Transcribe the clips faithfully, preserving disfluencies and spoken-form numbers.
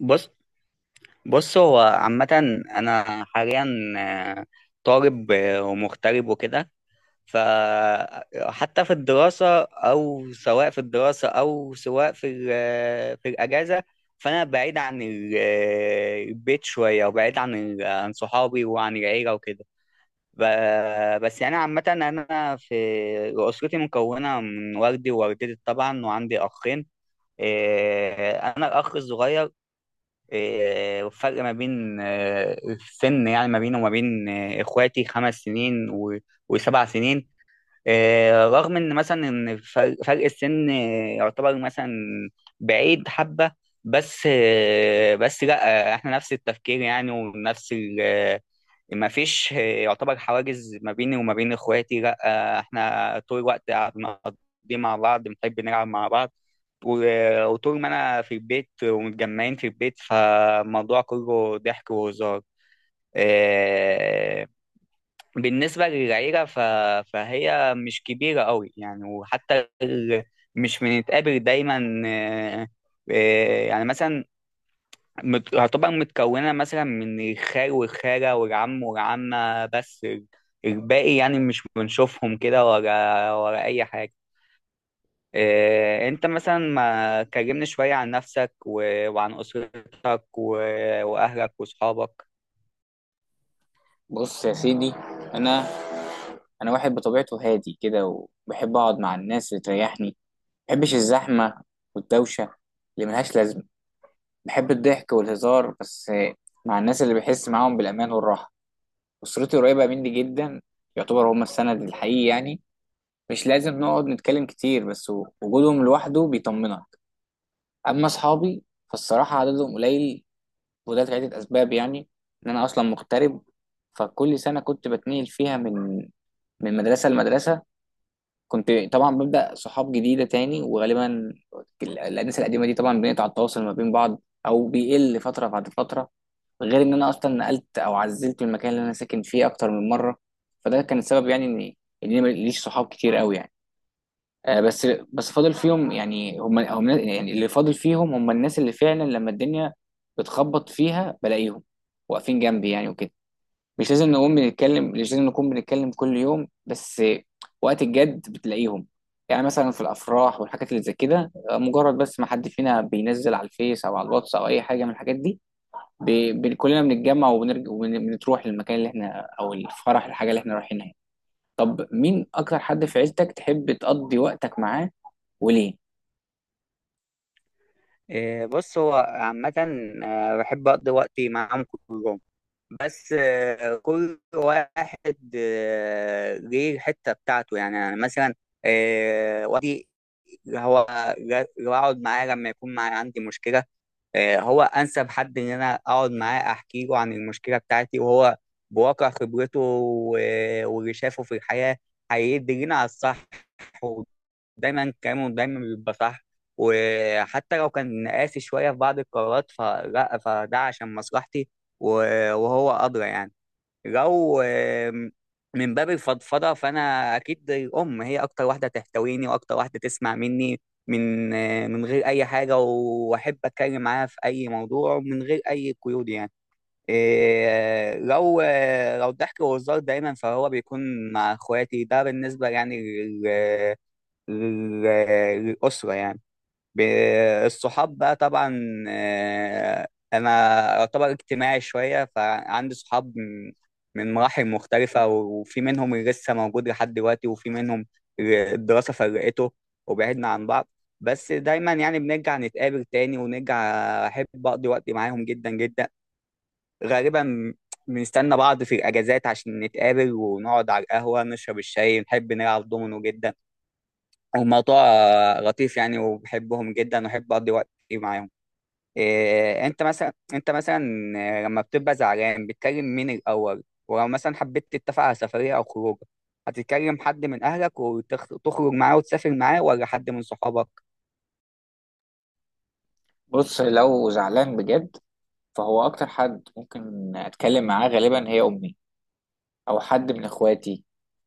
بص بص هو عامة أنا حاليا، آه، طالب، آه، ومغترب وكده. فحتى في الدراسة، أو سواء في الدراسة أو سواء في ال- آه، في الأجازة، فأنا بعيد عن ال- آه، البيت شوية، وبعيد عن ال- عن صحابي وعن العيلة وكده. ب- بس يعني عامة، أنا في أسرتي مكونة من والدي ووالدتي طبعا، وعندي أخين. آه، أنا الأخ الصغير. إيه، والفرق ما بين آه، السن، يعني ما بينه وما بين آه، اخواتي خمس سنين و- وسبع سنين. آه، رغم ان مثلا ان فرق فرق السن آه، يعتبر مثلا بعيد حبة، بس آه، بس لا آه، احنا نفس التفكير، يعني ونفس ال- ما فيش يعتبر حواجز ما بيني وما بين اخواتي، لا. آه، احنا طول الوقت بنقضي مع بعض، بنحب نلعب مع بعض. و- وطول ما انا في البيت ومتجمعين في البيت، فالموضوع كله ضحك وهزار. آه، بالنسبة للعيلة، ف- فهي مش كبيرة قوي يعني، وحتى ال- مش بنتقابل دايما. آه، آه، يعني مثلا مت... هتبقى متكونة مثلا من الخال والخالة والعم والعمة، بس ال- الباقي يعني مش بنشوفهم كده، ولا ولا أي حاجة. إيه... أنت مثلا ما كلمني شوية عن نفسك و... وعن أسرتك و... وأهلك وأصحابك. بص يا سيدي. انا انا واحد بطبيعته هادي كده، وبحب اقعد مع الناس اللي تريحني. ما بحبش الزحمه والدوشه اللي ملهاش لازمه. بحب الضحك والهزار، بس مع الناس اللي بحس معاهم بالامان والراحه. اسرتي قريبه مني جدا، يعتبر هم السند الحقيقي يعني. مش لازم نقعد نتكلم كتير، بس وجودهم لوحده بيطمنك. اما اصحابي فالصراحه عددهم قليل، وده لعدة أسباب يعني. إن أنا أصلا مغترب، فكل سنة كنت بتنقل فيها من من مدرسة لمدرسة. كنت طبعا ببدأ صحاب جديدة تاني، وغالبا ال- الناس القديمة دي طبعا بنقطع التواصل ما بين بعض أو بيقل فترة بعد فترة. غير إن أنا أصلا نقلت أو عزلت من المكان اللي أنا ساكن فيه أكتر من مرة. فده كان السبب يعني إن إن أنا ماليش صحاب كتير أوي يعني. آه، بس بس فاضل فيهم يعني، هم هم يعني اللي فاضل فيهم هم الناس اللي فعلا لما الدنيا بتخبط فيها بلاقيهم واقفين جنبي يعني وكده. مش لازم نقوم بنتكلم، مش لازم نكون بنتكلم كل يوم، بس وقت الجد بتلاقيهم. يعني مثلا في الافراح والحاجات اللي زي كده، آه، مجرد بس ما حد فينا بينزل على الفيس او على الواتس او اي حاجه من الحاجات دي، ب... ب... كلنا بنتجمع وبنرجع وبنروح للمكان اللي احنا او الفرح الحاجه اللي احنا رايحينها. طب مين اكتر حد في عيلتك تحب تقضي وقتك معاه، وليه؟ إيه... بص، هو عامة آه، بحب أقضي وقتي معاهم كلهم، بس آه، كل واحد آه، ليه الحتة بتاعته. يعني أنا مثلا آه، هو جا- بقعد معاه لما يكون معايا، عندي مشكلة. آه، هو أنسب حد إن أنا أقعد معاه أحكي له عن المشكلة بتاعتي، وهو بواقع خبرته و- واللي شافه في الحياة، هيدلنا على الصح. ودايما كلامه دايما بيبقى صح، وحتى لو كان قاسي شوية في بعض القرارات، فلا فده عشان مصلحتي. و- وهو أدرى يعني. لو آم، من باب الفضفضه، فانا اكيد الام هي اكتر واحده تحتويني واكتر واحده تسمع مني من آه، من غير اي حاجه، واحب اتكلم معاها في اي موضوع ومن غير اي قيود يعني. إيه، لو آه، لو الضحك والهزار دايما، فهو بيكون مع اخواتي. ده بالنسبه يعني لل- لل- للاسره يعني. ب- الصحاب بقى طبعا، آه، انا اعتبر اجتماعي شويه، فعندي صحاب من من مراحل مختلفه، وفي منهم اللي لسه موجود لحد دلوقتي، وفي منهم اللي الدراسه فرقته وبعدنا عن بعض. بس دايما يعني بنرجع نتقابل تاني، ونرجع احب اقضي وقت معاهم جدا جدا. غالبا بنستنى بعض في الاجازات عشان نتقابل ونقعد على القهوه، نشرب الشاي، نحب نلعب دومينو جدا. هو موضوع آه، لطيف يعني، وبحبهم جدا وأحب أقضي وقت كتير معاهم. إيه، أنت مثلا أنت مثلا، آه، لما بتبقى زعلان، بتكلم مين الأول؟ ولو مثلا حبيت تتفق على سفرية أو خروج، هتتكلم حد من أهلك وتخرج معاه وتسافر معاه، ولا حد من صحابك؟ بص، لو زعلان بجد فهو اكتر حد ممكن اتكلم معاه غالبا هي امي، او حد من اخواتي،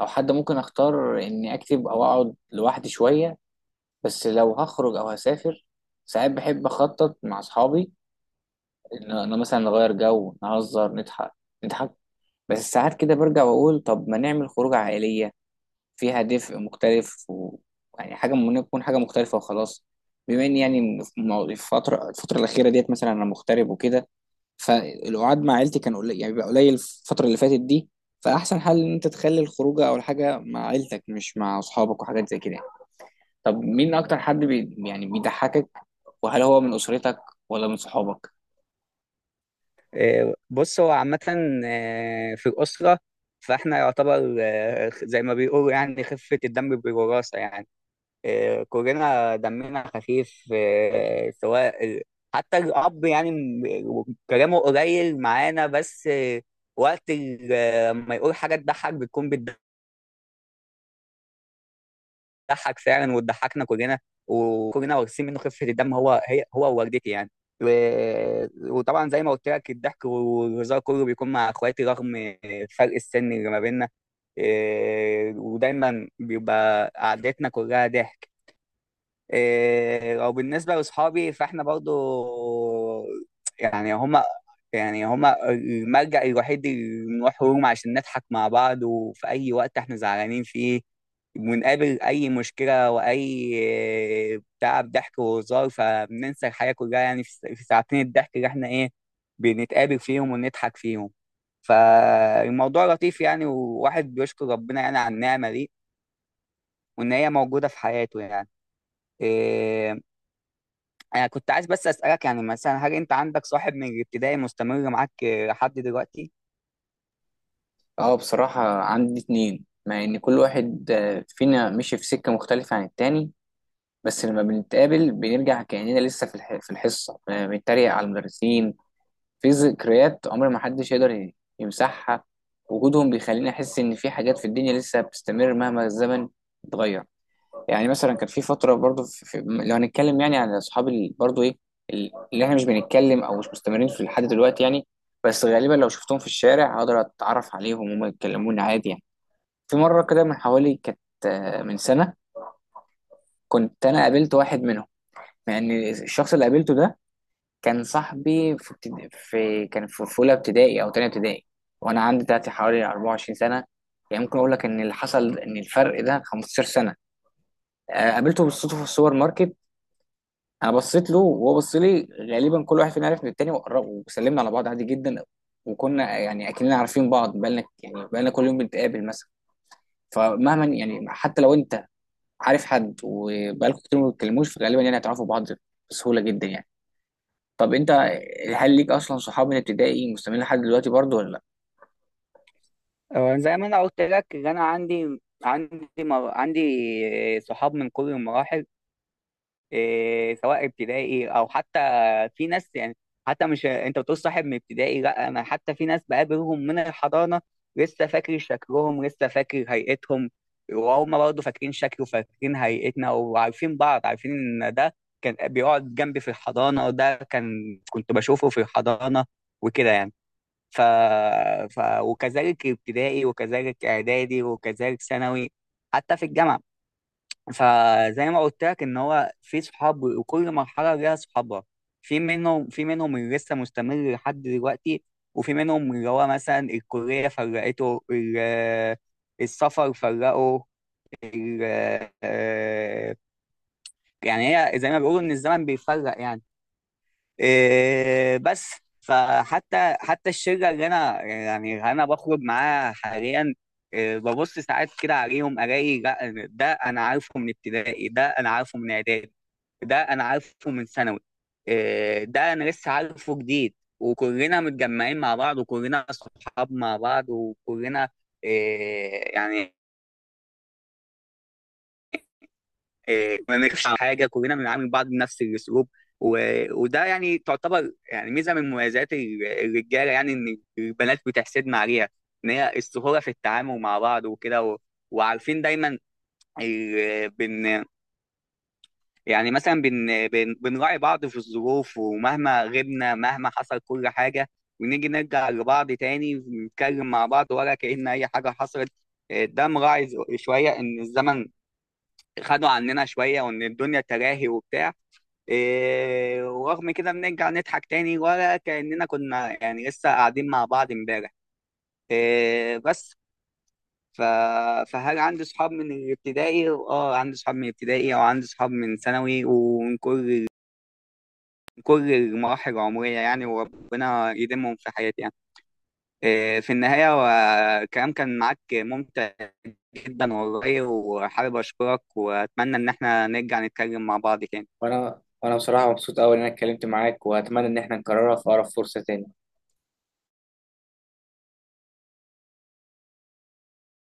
او حد ممكن اختار اني اكتب او اقعد لوحدي شويه. بس لو هخرج او هسافر، ساعات بحب اخطط مع اصحابي ان انا مثلا نغير جو، نهزر، نضحك نضحك. بس ساعات كده برجع واقول طب ما نعمل خروجه عائليه فيها دفء مختلف، و... يعني حاجه ممكن تكون حاجه مختلفه وخلاص. بما اني يعني في مو- في الفتره الفتره الاخيره ديت مثلا انا مغترب وكده، فالقعاد مع عيلتي كان قليل، يعني بيبقى قليل الفترة اللي فاتت دي. فأحسن حل إن أنت تخلي الخروجة أو الحاجة مع عيلتك مش مع أصحابك وحاجات زي كده. طب مين أكتر حد بي يعني بيضحكك، وهل هو من أسرتك ولا من صحابك؟ إيه، بص، هو عامة آه، في الأسرة، فإحنا يعتبر آه، زي ما بيقولوا يعني خفة الدم بالوراثة يعني. آه، كلنا دمنا خفيف، آه، سواء ال- حتى الأب، يعني م- كلامه قليل معانا، بس آه، وقت ال- آه، لما يقول حاجة تضحك، بتكون بتضحك فعلا وتضحكنا كلنا. وكلنا واخدين منه خفة الدم، هو هي هو ووالدتي يعني. و- وطبعا زي ما قلت لك، الضحك والهزار كله بيكون مع اخواتي، رغم فرق السن اللي ما بيننا. آه، ودايما بيبقى قعدتنا كلها ضحك. إيه، او بالنسبه لاصحابي، فاحنا برضو يعني هما يعني هما الملجأ الوحيد اللي بنروح لهم عشان نضحك مع بعض. وفي اي وقت احنا زعلانين فيه، بنقابل اي مشكله واي بتاع، ضحك وهزار فبننسى الحياه كلها يعني، في في ساعتين الضحك اللي احنا ايه، بنتقابل فيهم ونضحك فيهم. فالموضوع لطيف يعني، وواحد بيشكر ربنا يعني على النعمه دي وان هي موجوده في حياته يعني. إيه، انا كنت عايز بس اسالك، يعني مثلا هل انت عندك صاحب من الابتدائي مستمر معاك آه، لحد دلوقتي؟ أه، بصراحة عندي اتنين، مع إن كل واحد آه، فينا مشي في سكة مختلفة عن التاني. بس لما بنتقابل بنرجع كأننا لسه في الح- في الحصة آه، بنتريق على المدرسين. في ذكريات عمر ما حدش يقدر ي- يمسحها. وجودهم بيخليني احس ان في حاجات في الدنيا لسه بتستمر مهما الزمن اتغير. يعني مثلا كان في فتره برضو في في لو هنتكلم يعني عن اصحاب ال- برضو ايه، ال- اللي احنا مش بنتكلم او مش مستمرين في لحد دلوقتي يعني. بس غالبا لو شفتهم في الشارع هقدر اتعرف عليهم وهم يتكلموني عادي يعني. في مره كده من حوالي كانت آه، من سنه، كنت انا قابلت واحد منهم. يعني الشخص اللي قابلته ده كان صاحبي في, ابتد... في كان في في اولى ابتدائي او تانية ابتدائي. وانا عندي دلوقتي حوالي أربعة وعشرين سنه. يعني ممكن اقول لك ان اللي حصل ان الفرق ده خمسة عشر سنه. آه، قابلته بالصدفه في السوبر ماركت. انا بصيت له وهو بص لي، غالبا كل واحد فينا عرف من التاني، وقرب وسلمنا على بعض عادي جدا. وكنا يعني اكننا عارفين بعض بقالنا يعني بقالنا كل يوم بنتقابل مثلا. فمهما يعني حتى لو انت عارف حد وبقالكم كتير ما بتتكلموش، فغالبا يعني هتعرفوا بعض بسهوله جدا يعني. طب انت، هل ليك اصلا صحاب من ابتدائي مستمرين لحد دلوقتي برضو ولا لا؟ آه، زي ما انا قلت لك إن انا عندي عندي مر... عندي آه، صحاب من كل المراحل، إيه، سواء ابتدائي او حتى. في ناس يعني حتى، مش انت بتقول صاحب من ابتدائي؟ لا، انا حتى في ناس بقابلهم من الحضانه، لسه فاكر شكلهم، لسه فاكر هيئتهم، وهم برضه فاكرين شكله، فاكرين هيئتنا، وعارفين بعض. عارفين ان ده كان بيقعد جنبي في الحضانه، وده كان كنت بشوفه في الحضانه وكده يعني. ف... ف... وكذلك ابتدائي، وكذلك اعدادي، وكذلك ثانوي، حتى في الجامعه. فزي ما قلت لك ان هو في صحاب، وكل مرحله ليها صحابها. في منهم في منهم اللي لسه مستمر لحد دلوقتي، وفي منهم اللي هو مثلا الكليه فرقته، ال- السفر فرقه. ال- آه، يعني هي زي ما بيقولوا ان الزمن بيفرق يعني، إيه، بس. فحتى حتى الشله اللي انا يعني انا بخرج معاها حاليا، إيه، ببص ساعات كده عليهم، الاقي لا، ده انا عارفه من ابتدائي، ده انا عارفه من اعدادي، ده انا عارفه من ثانوي، إيه، ده انا لسه عارفه جديد. وكلنا متجمعين مع بعض، وكلنا صحاب مع بعض، وكلنا إيه يعني، إيه، ما نخافش على حاجه، كلنا بنعامل بعض بنفس الاسلوب. و... وده يعني تعتبر يعني ميزه من مميزات ال- الرجاله يعني، ان البنات بتحسدنا عليها، ان هي السهوله في التعامل مع بعض وكده. و... وعارفين دايما ال... بن يعني مثلا بن... بن... بنراعي بعض في الظروف، ومهما غبنا مهما حصل كل حاجه، ونيجي نرجع لبعض تاني ونتكلم مع بعض، ولا كأن اي حاجه حصلت. إيه، ده مراعي شويه ان الزمن خدوا عننا شويه، وان الدنيا تراهي وبتاع. إيه، ورغم كده بنرجع نضحك تاني، ولا كأننا كنا يعني لسه قاعدين مع بعض امبارح، إيه، بس. ف... فهل عندي صحاب من الابتدائي؟ اه، عندي صحاب من الابتدائي، او عندي صحاب من ثانوي ومن كل كل المراحل العمرية يعني، وربنا يديمهم في حياتي يعني. إيه، في النهاية، والكلام كان معاك ممتع جدا والله، وحابب أشكرك، وأتمنى إن احنا نرجع نتكلم مع بعض تاني. وانا وانا بصراحه مبسوط قوي ان انا اتكلمت معاك، واتمنى ان احنا نكررها في اقرب فرصه تاني.